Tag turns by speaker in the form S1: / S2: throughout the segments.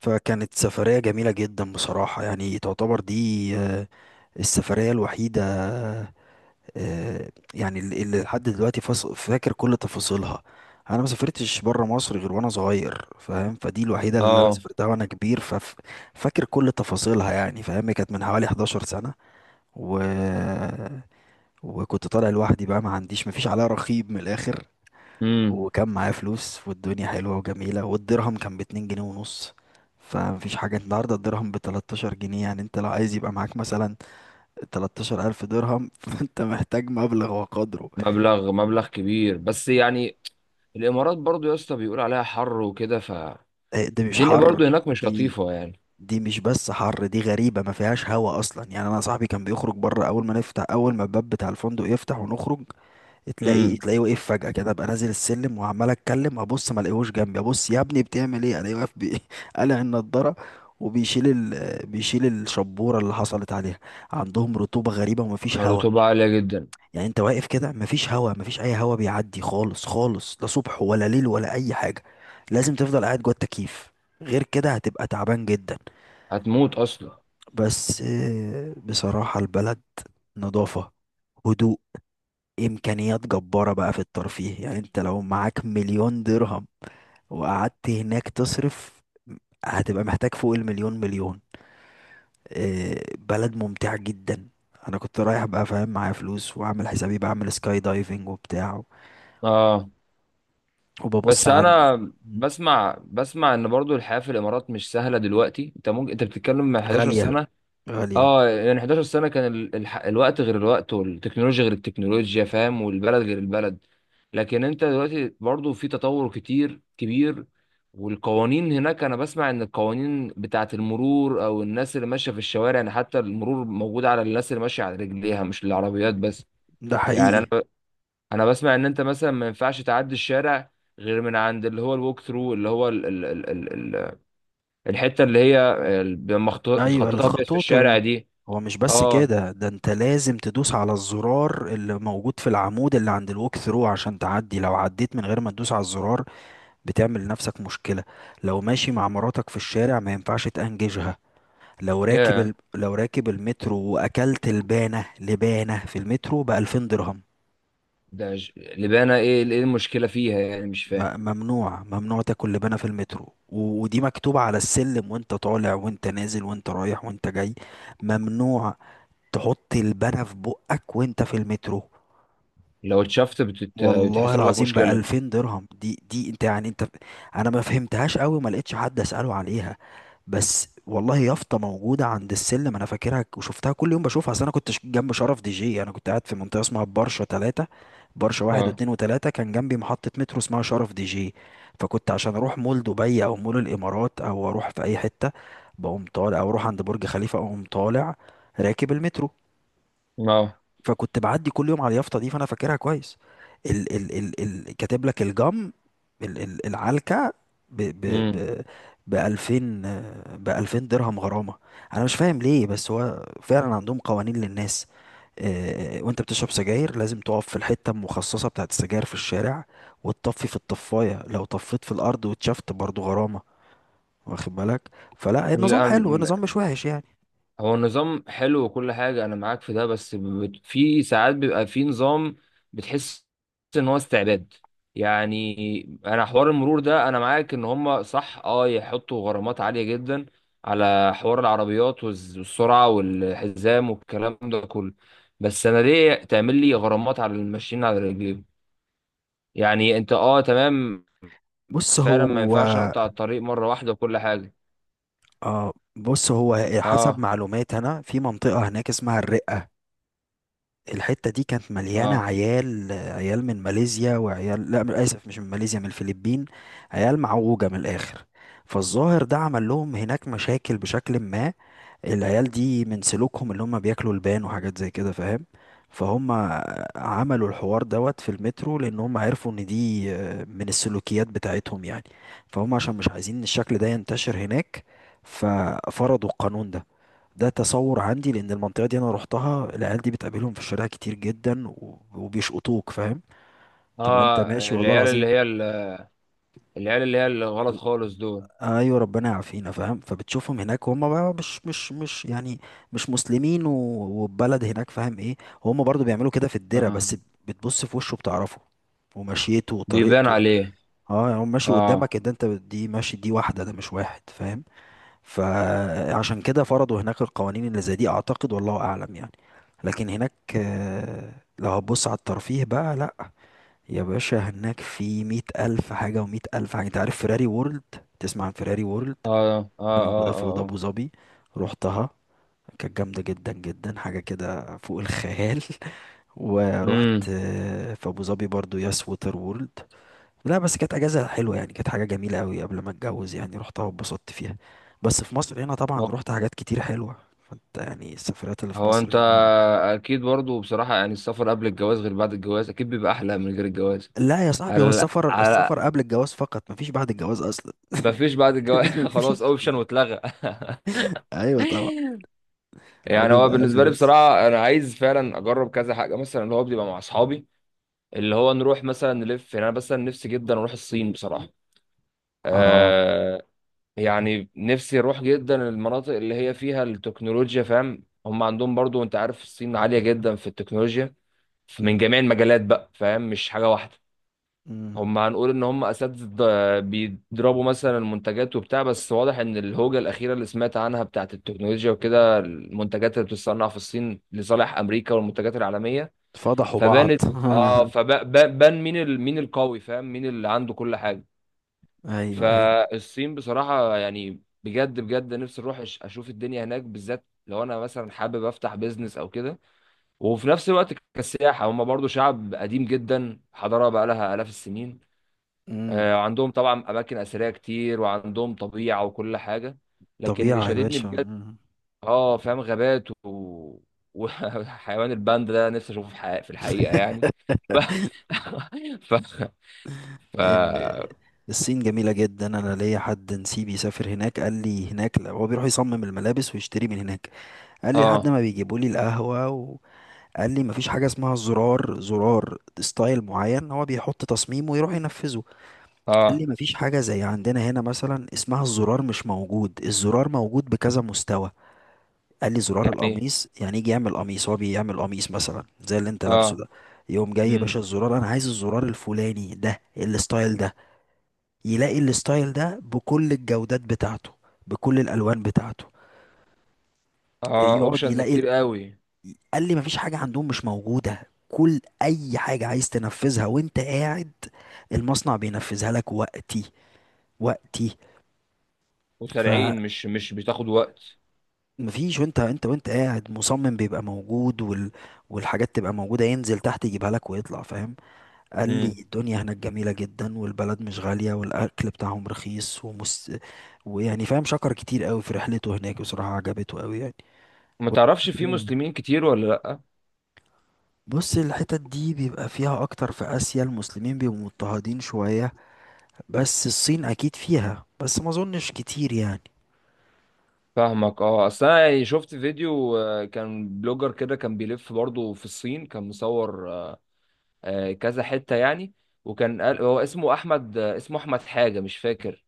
S1: فكانت سفرية جميلة جدا بصراحة يعني تعتبر دي آه، السفرية الوحيدة، يعني اللي لحد دلوقتي فاكر كل تفاصيلها. انا ما سافرتش بره مصر غير وانا صغير، فاهم؟ فدي الوحيدة اللي انا
S2: اه،
S1: سافرتها وانا كبير، ففاكر كل تفاصيلها يعني، فاهم؟ هي كانت من حوالي 11 سنة و وكنت طالع لوحدي بقى، ما عنديش، ما فيش عليا رقيب من الاخر.
S2: امم
S1: وكان معايا فلوس والدنيا حلوة وجميلة، والدرهم كان باتنين جنيه ونص. فمفيش حاجة، النهاردة الدرهم بـ13 جنيه، يعني انت لو عايز يبقى معاك مثلا 13,000 درهم فانت محتاج مبلغ وقدره.
S2: مبلغ مبلغ كبير، بس يعني الامارات برضو يا اسطى بيقول عليها حر وكده.
S1: إيه ده، مش
S2: فالدنيا
S1: حر
S2: برضو هناك مش
S1: دي
S2: لطيفه يعني.
S1: دي مش بس حر، دي غريبة، ما فيهاش هوا أصلا. يعني أنا صاحبي كان بيخرج بره، أول ما الباب بتاع الفندق يفتح ونخرج،
S2: امم
S1: تلاقيه واقف فجأة كده. ابقى نازل السلم وعمال اتكلم، ابص ما الاقيهوش جنبي، ابص يا ابني بتعمل ايه، الاقيه واقف قالع النضارة وبيشيل بيشيل الشبورة اللي حصلت عليها. عندهم رطوبة غريبة ومفيش هوا.
S2: الرطوبه عاليه جدا.
S1: يعني انت واقف كده مفيش هوا، مفيش اي هوا بيعدي خالص خالص، لا صبح ولا ليل ولا اي حاجة. لازم تفضل قاعد جوه التكييف، غير كده هتبقى تعبان جدا.
S2: هتموت اصلا.
S1: بس بصراحة البلد، نظافة، هدوء، امكانيات جبارة بقى في الترفيه. يعني انت لو معاك 1,000,000 درهم وقعدت هناك تصرف، هتبقى محتاج فوق المليون مليون. بلد ممتع جدا. انا كنت رايح بقى، فاهم، معايا فلوس وعامل حسابي بعمل سكاي دايفنج وبتاع
S2: اه،
S1: وببص
S2: بس
S1: على.
S2: انا
S1: مم.
S2: بسمع ان برضو الحياه في الامارات مش سهله دلوقتي. انت ممكن بتتكلم من 11
S1: غالية،
S2: سنه.
S1: غالية.
S2: اه يعني 11 سنة كان الوقت غير الوقت، والتكنولوجيا غير التكنولوجيا فاهم، والبلد غير البلد. لكن انت دلوقتي برضو في تطور كتير كبير، والقوانين هناك. انا بسمع ان القوانين بتاعة المرور او الناس اللي ماشية في الشوارع، يعني حتى المرور موجود على الناس اللي ماشية على رجليها مش العربيات بس.
S1: ده
S2: يعني انا
S1: حقيقي.
S2: انا بسمع ان انت مثلا ما ينفعش تعدي الشارع غير من عند اللي هو الووك ثرو، اللي هو ال ال ال ال الحتة اللي هي
S1: ايوه،
S2: مخططة ابيض في
S1: الخطوط
S2: الشارع دي.
S1: هو مش بس
S2: اه.
S1: كده، ده انت لازم تدوس على الزرار اللي موجود في العمود اللي عند الوك ثرو عشان تعدي. لو عديت من غير ما تدوس على الزرار بتعمل لنفسك مشكلة. لو ماشي مع مراتك في الشارع ما ينفعش تأنججها. لو راكب
S2: يا
S1: لو راكب المترو وأكلت لبانة، في المترو، بـ2000 درهم.
S2: ده لبانة، ايه ايه المشكلة فيها يعني؟ مش فاهم.
S1: م... ممنوع ممنوع تاكل لبانة في المترو، ودي مكتوبة على السلم، وانت طالع وانت نازل وانت رايح وانت جاي، ممنوع تحط لبانة في بقك وانت في المترو.
S2: لو اتشفت
S1: والله
S2: بتحصل لك
S1: العظيم، ب
S2: مشكلة.
S1: 2000 درهم. دي انت يعني، انا ما فهمتهاش قوي، ما لقيتش حد اساله عليها، بس والله يافطه موجوده عند السلم انا فاكرها. وشفتها كل يوم بشوفها، اصل انا كنت جنب شرف دي جي. انا كنت قاعد في منطقه اسمها برشا ثلاثة. برشا واحد
S2: اه،
S1: واتنين وتلاتة، كان جنبي محطه مترو اسمها شرف دي جي. فكنت عشان اروح مول دبي او مول الامارات او اروح في اي حته بقوم طالع، او اروح عند برج خليفه اقوم طالع راكب المترو.
S2: اه.
S1: فكنت بعدي كل يوم على اليافطه دي، فانا فاكرها كويس. ال ال ال ال كاتب لك الجم، ال ال العلكه ب ب ب ب 2000، ب 2000 درهم غرامه. انا مش فاهم ليه، بس هو فعلا عندهم قوانين للناس. وانت بتشرب سجاير لازم تقف في الحته المخصصه بتاعت السجاير في الشارع وتطفي في الطفايه، لو طفيت في الارض واتشفت برضو غرامه. واخد بالك؟ فلا، النظام حلو،
S2: امم
S1: النظام مش وحش يعني.
S2: هو النظام حلو وكل حاجة، أنا معاك في ده. بس في ساعات بيبقى في نظام بتحس إن هو استعباد. يعني أنا حوار المرور ده، أنا معاك إن هما صح، أه يحطوا غرامات عالية جدا على حوار العربيات والسرعة والحزام والكلام ده كله. بس أنا ليه تعمل لي غرامات على الماشيين على رجليهم؟ يعني أنت أه تمام،
S1: بص
S2: فعلا ما
S1: هو،
S2: ينفعش أقطع الطريق مرة واحدة وكل حاجة.
S1: اه بص هو، حسب
S2: أه،
S1: معلومات انا، في منطقة هناك اسمها الرقة، الحتة دي كانت مليانة
S2: أه،
S1: عيال، عيال من ماليزيا، وعيال لا، من اسف، مش من ماليزيا، من الفلبين. عيال معوجة من الاخر. فالظاهر ده عمل لهم هناك مشاكل بشكل ما. العيال دي من سلوكهم اللي هم بياكلوا لبان وحاجات زي كده، فاهم؟ فهم عملوا الحوار دوت في المترو لان هم عرفوا ان دي، من السلوكيات بتاعتهم يعني. فهم عشان مش عايزين ان الشكل ده ينتشر هناك ففرضوا القانون ده. ده تصور عندي، لان المنطقه دي انا روحتها، العيال دي بتقابلهم في الشارع كتير جدا وبيشقطوك، فاهم؟ تبقى انت
S2: اه.
S1: ماشي، والله
S2: العيال اللي
S1: العظيم.
S2: هي العيال اللي هي اللي غلط خالص دول.
S1: ايوه ربنا يعافينا، فاهم؟ فبتشوفهم هناك، وهم بقى مش يعني، مش مسلمين والبلد هناك، فاهم ايه. وهم برضو بيعملوا كده في الدره
S2: اه،
S1: بس. بتبص في وشه بتعرفه، ومشيته
S2: بيبان
S1: وطريقته.
S2: عليه.
S1: اه يعني هو ماشي
S2: اه،
S1: قدامك، ده انت دي ماشي، دي واحده، ده مش واحد، فاهم؟ فعشان كده فرضوا هناك القوانين اللي زي دي، اعتقد، والله اعلم يعني. لكن هناك، لو هتبص على الترفيه بقى، لا يا باشا، هناك في 100,000 حاجة ومئة ألف حاجة. أنت عارف فيراري وورلد؟ تسمع عن فيراري وورلد
S2: اه، اه،
S1: اللي
S2: اه،
S1: موجودة في
S2: اه، آه.
S1: أبو ظبي؟ روحتها، كانت جامدة جدا جدا، حاجة كده فوق الخيال. ورحت
S2: امم
S1: في أبو ظبي برضو ياس ووتر وورلد. لا بس كانت أجازة حلوة يعني، كانت حاجة جميلة أوي قبل ما أتجوز. يعني روحتها واتبسطت فيها. بس في مصر هنا
S2: هو
S1: طبعا روحت حاجات كتير حلوة. فأنت يعني السفرات اللي في
S2: هو
S1: مصر
S2: انت
S1: هنا.
S2: اكيد برضو. بصراحة يعني السفر قبل الجواز غير بعد الجواز، اكيد بيبقى احلى من غير الجواز.
S1: لا يا صاحبي، هو
S2: على
S1: السفر،
S2: على
S1: قبل الجواز فقط، مفيش بعد الجواز أصلا.
S2: ما فيش بعد الجواز خلاص،
S1: مفيش.
S2: اوبشن واتلغى
S1: أيوة طبعا. هو
S2: يعني هو
S1: بيبقى قبل
S2: بالنسبة لي
S1: بس.
S2: بصراحة انا عايز فعلا اجرب كذا حاجة، مثلا اللي هو بيبقى مع اصحابي، اللي هو نروح مثلا نلف. يعني انا مثلا نفسي جدا اروح الصين بصراحة.
S1: اه.
S2: آه. يعني نفسي اروح جدا المناطق اللي هي فيها التكنولوجيا فاهم. هم عندهم برضو، انت عارف الصين عالية جدا في التكنولوجيا
S1: م-
S2: من جميع المجالات بقى، فاهم، مش حاجة واحدة.
S1: م.
S2: هم هنقول ان هم اساتذة، بيضربوا مثلا المنتجات وبتاع. بس واضح ان الهوجة الاخيرة اللي سمعت عنها بتاعت التكنولوجيا وكده، المنتجات اللي بتتصنع في الصين لصالح امريكا والمنتجات العالمية،
S1: فضحوا بعض.
S2: فبانت اه فبان مين مين القوي فاهم، مين اللي عنده كل حاجة.
S1: ايوه ايوه.
S2: فالصين بصراحة يعني بجد بجد نفسي اروح اشوف الدنيا هناك، بالذات لو انا مثلا حابب افتح بيزنس او كده. وفي نفس الوقت كسياحة، هم برضو شعب قديم جدا، حضارة بقى لها آلاف السنين.
S1: امم.
S2: عندهم طبعا اماكن اثرية كتير وعندهم طبيعة وكل حاجة. لكن اللي
S1: طبيعة يا
S2: شددني
S1: باشا.
S2: بجد، اه فاهم، غابات وحيوان الباندا ده نفسي اشوفه في الحقيقة، في الحقيقة يعني. ف... ف... ف...
S1: ال- الصين جميلة جدا. انا ليا حد نسيبي سافر هناك قال لي، هناك، لا هو بيروح يصمم الملابس ويشتري من هناك. قال لي لحد
S2: اه،
S1: ما بيجيبوا لي القهوة وقال لي مفيش حاجة اسمها زرار، زرار ستايل معين، هو بيحط تصميم ويروح ينفذه. قال
S2: اه
S1: لي مفيش حاجة زي عندنا هنا مثلا اسمها الزرار، مش موجود، الزرار موجود بكذا مستوى. قال لي زرار
S2: يعني،
S1: القميص، يعني يجي يعمل قميص، هو بيعمل قميص مثلا زي اللي انت لابسه
S2: اه،
S1: ده، يقوم جاي يا
S2: مم.
S1: باشا الزرار، انا عايز الزرار الفلاني ده، الستايل ده، يلاقي الستايل ده بكل الجودات بتاعته، بكل الالوان بتاعته،
S2: اه،
S1: يقعد
S2: اوبشنز
S1: يلاقي.
S2: كتير قوي،
S1: قال لي مفيش حاجه عندهم مش موجوده، كل اي حاجه عايز تنفذها وانت قاعد المصنع بينفذها لك وقتي، وقتي.
S2: وسريعين مش بتاخد وقت.
S1: فمفيش، وانت قاعد مصمم بيبقى موجود والحاجات تبقى موجودة، ينزل تحت يجيبها لك ويطلع، فاهم؟ قال لي
S2: امم
S1: الدنيا هناك جميلة جدا، والبلد مش غالية، والأكل بتاعهم رخيص ويعني فاهم شكر كتير قوي في رحلته هناك. بصراحة عجبته قوي يعني.
S2: ما
S1: و-
S2: تعرفش في مسلمين كتير ولا لا؟
S1: بص، الحتت دي بيبقى فيها أكتر في آسيا، المسلمين بيبقوا مضطهدين شوية. بس الصين أكيد فيها، بس ما أظنش كتير يعني.
S2: فاهمك اه. اصل انا يعني شفت فيديو، كان بلوجر كده كان بيلف برضه في الصين، كان مصور، كذا حتة يعني. وكان قال هو اسمه احمد، اسمه احمد حاجة مش فاكر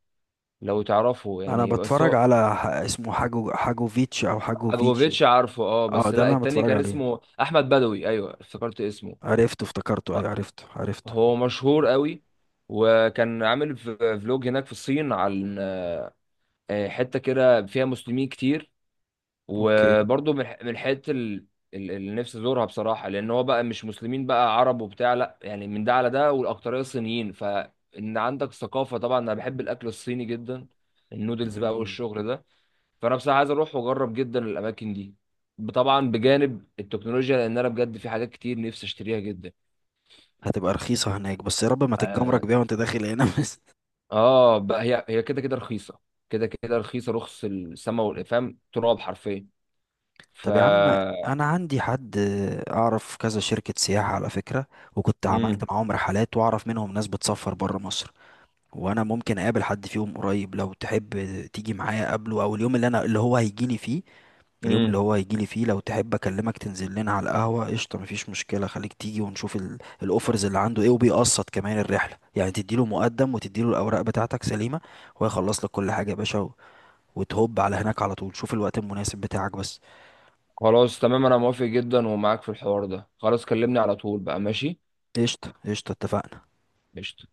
S2: لو تعرفه
S1: أنا
S2: يعني. بس
S1: بتفرج
S2: هو
S1: على اسمه حاجوفيتش أو حاجوفيتش.
S2: حاجوفيتش عارفه اه.
S1: اه
S2: بس
S1: ده
S2: لا،
S1: اللي أنا
S2: التاني
S1: بتفرج
S2: كان
S1: عليه.
S2: اسمه احمد بدوي، ايوه افتكرت اسمه.
S1: عرفته، افتكرته، أيوة عرفته.
S2: هو مشهور قوي. وكان عامل فلوج هناك في الصين عن حته كده فيها مسلمين كتير.
S1: أوكي.
S2: وبرضه من من الحته اللي نفسي ازورها بصراحه. لان هو بقى مش مسلمين بقى، عرب وبتاع لا، يعني من ده على ده والاكتريه صينيين. فان عندك ثقافه. طبعا انا بحب الاكل الصيني جدا، النودلز بقى
S1: مم.
S2: والشغل ده. فانا بصراحه عايز اروح واجرب جدا الاماكن دي، طبعا بجانب التكنولوجيا، لان انا بجد في حاجات كتير نفسي اشتريها جدا.
S1: هتبقى رخيصة هناك، بس يا رب ما
S2: اه،
S1: تتجمرك بيها وانت داخل هنا بس.
S2: بقى هي كده كده رخيصه، كده كده رخيصه، رخص السما والافهام تراب حرفيا. ف
S1: طب يا عم، انا عندي حد، اعرف كذا شركة سياحة على فكرة، وكنت
S2: امم
S1: عملت معاهم رحلات واعرف منهم ناس بتسافر برا مصر. وانا ممكن اقابل حد فيهم قريب لو تحب، تيجي معايا اقابله، او اليوم اللي انا، اللي هو هيجيلي فيه، اليوم اللي
S2: امم
S1: هو هيجيلي فيه لو تحب اكلمك تنزل لنا على القهوة، قشطة، مفيش مشكلة، خليك تيجي ونشوف الاوفرز اللي عنده ايه، وبيقسط كمان الرحلة، يعني تديله مقدم وتديله الاوراق بتاعتك سليمة ويخلص لك كل حاجة يا باشا، وتهوب على هناك على طول. شوف الوقت المناسب بتاعك بس.
S2: خلاص تمام، انا موافق جدا ومعاك في الحوار ده. خلاص كلمني على طول بقى، ماشي،
S1: قشطة قشطة، اتفقنا.
S2: قشطة.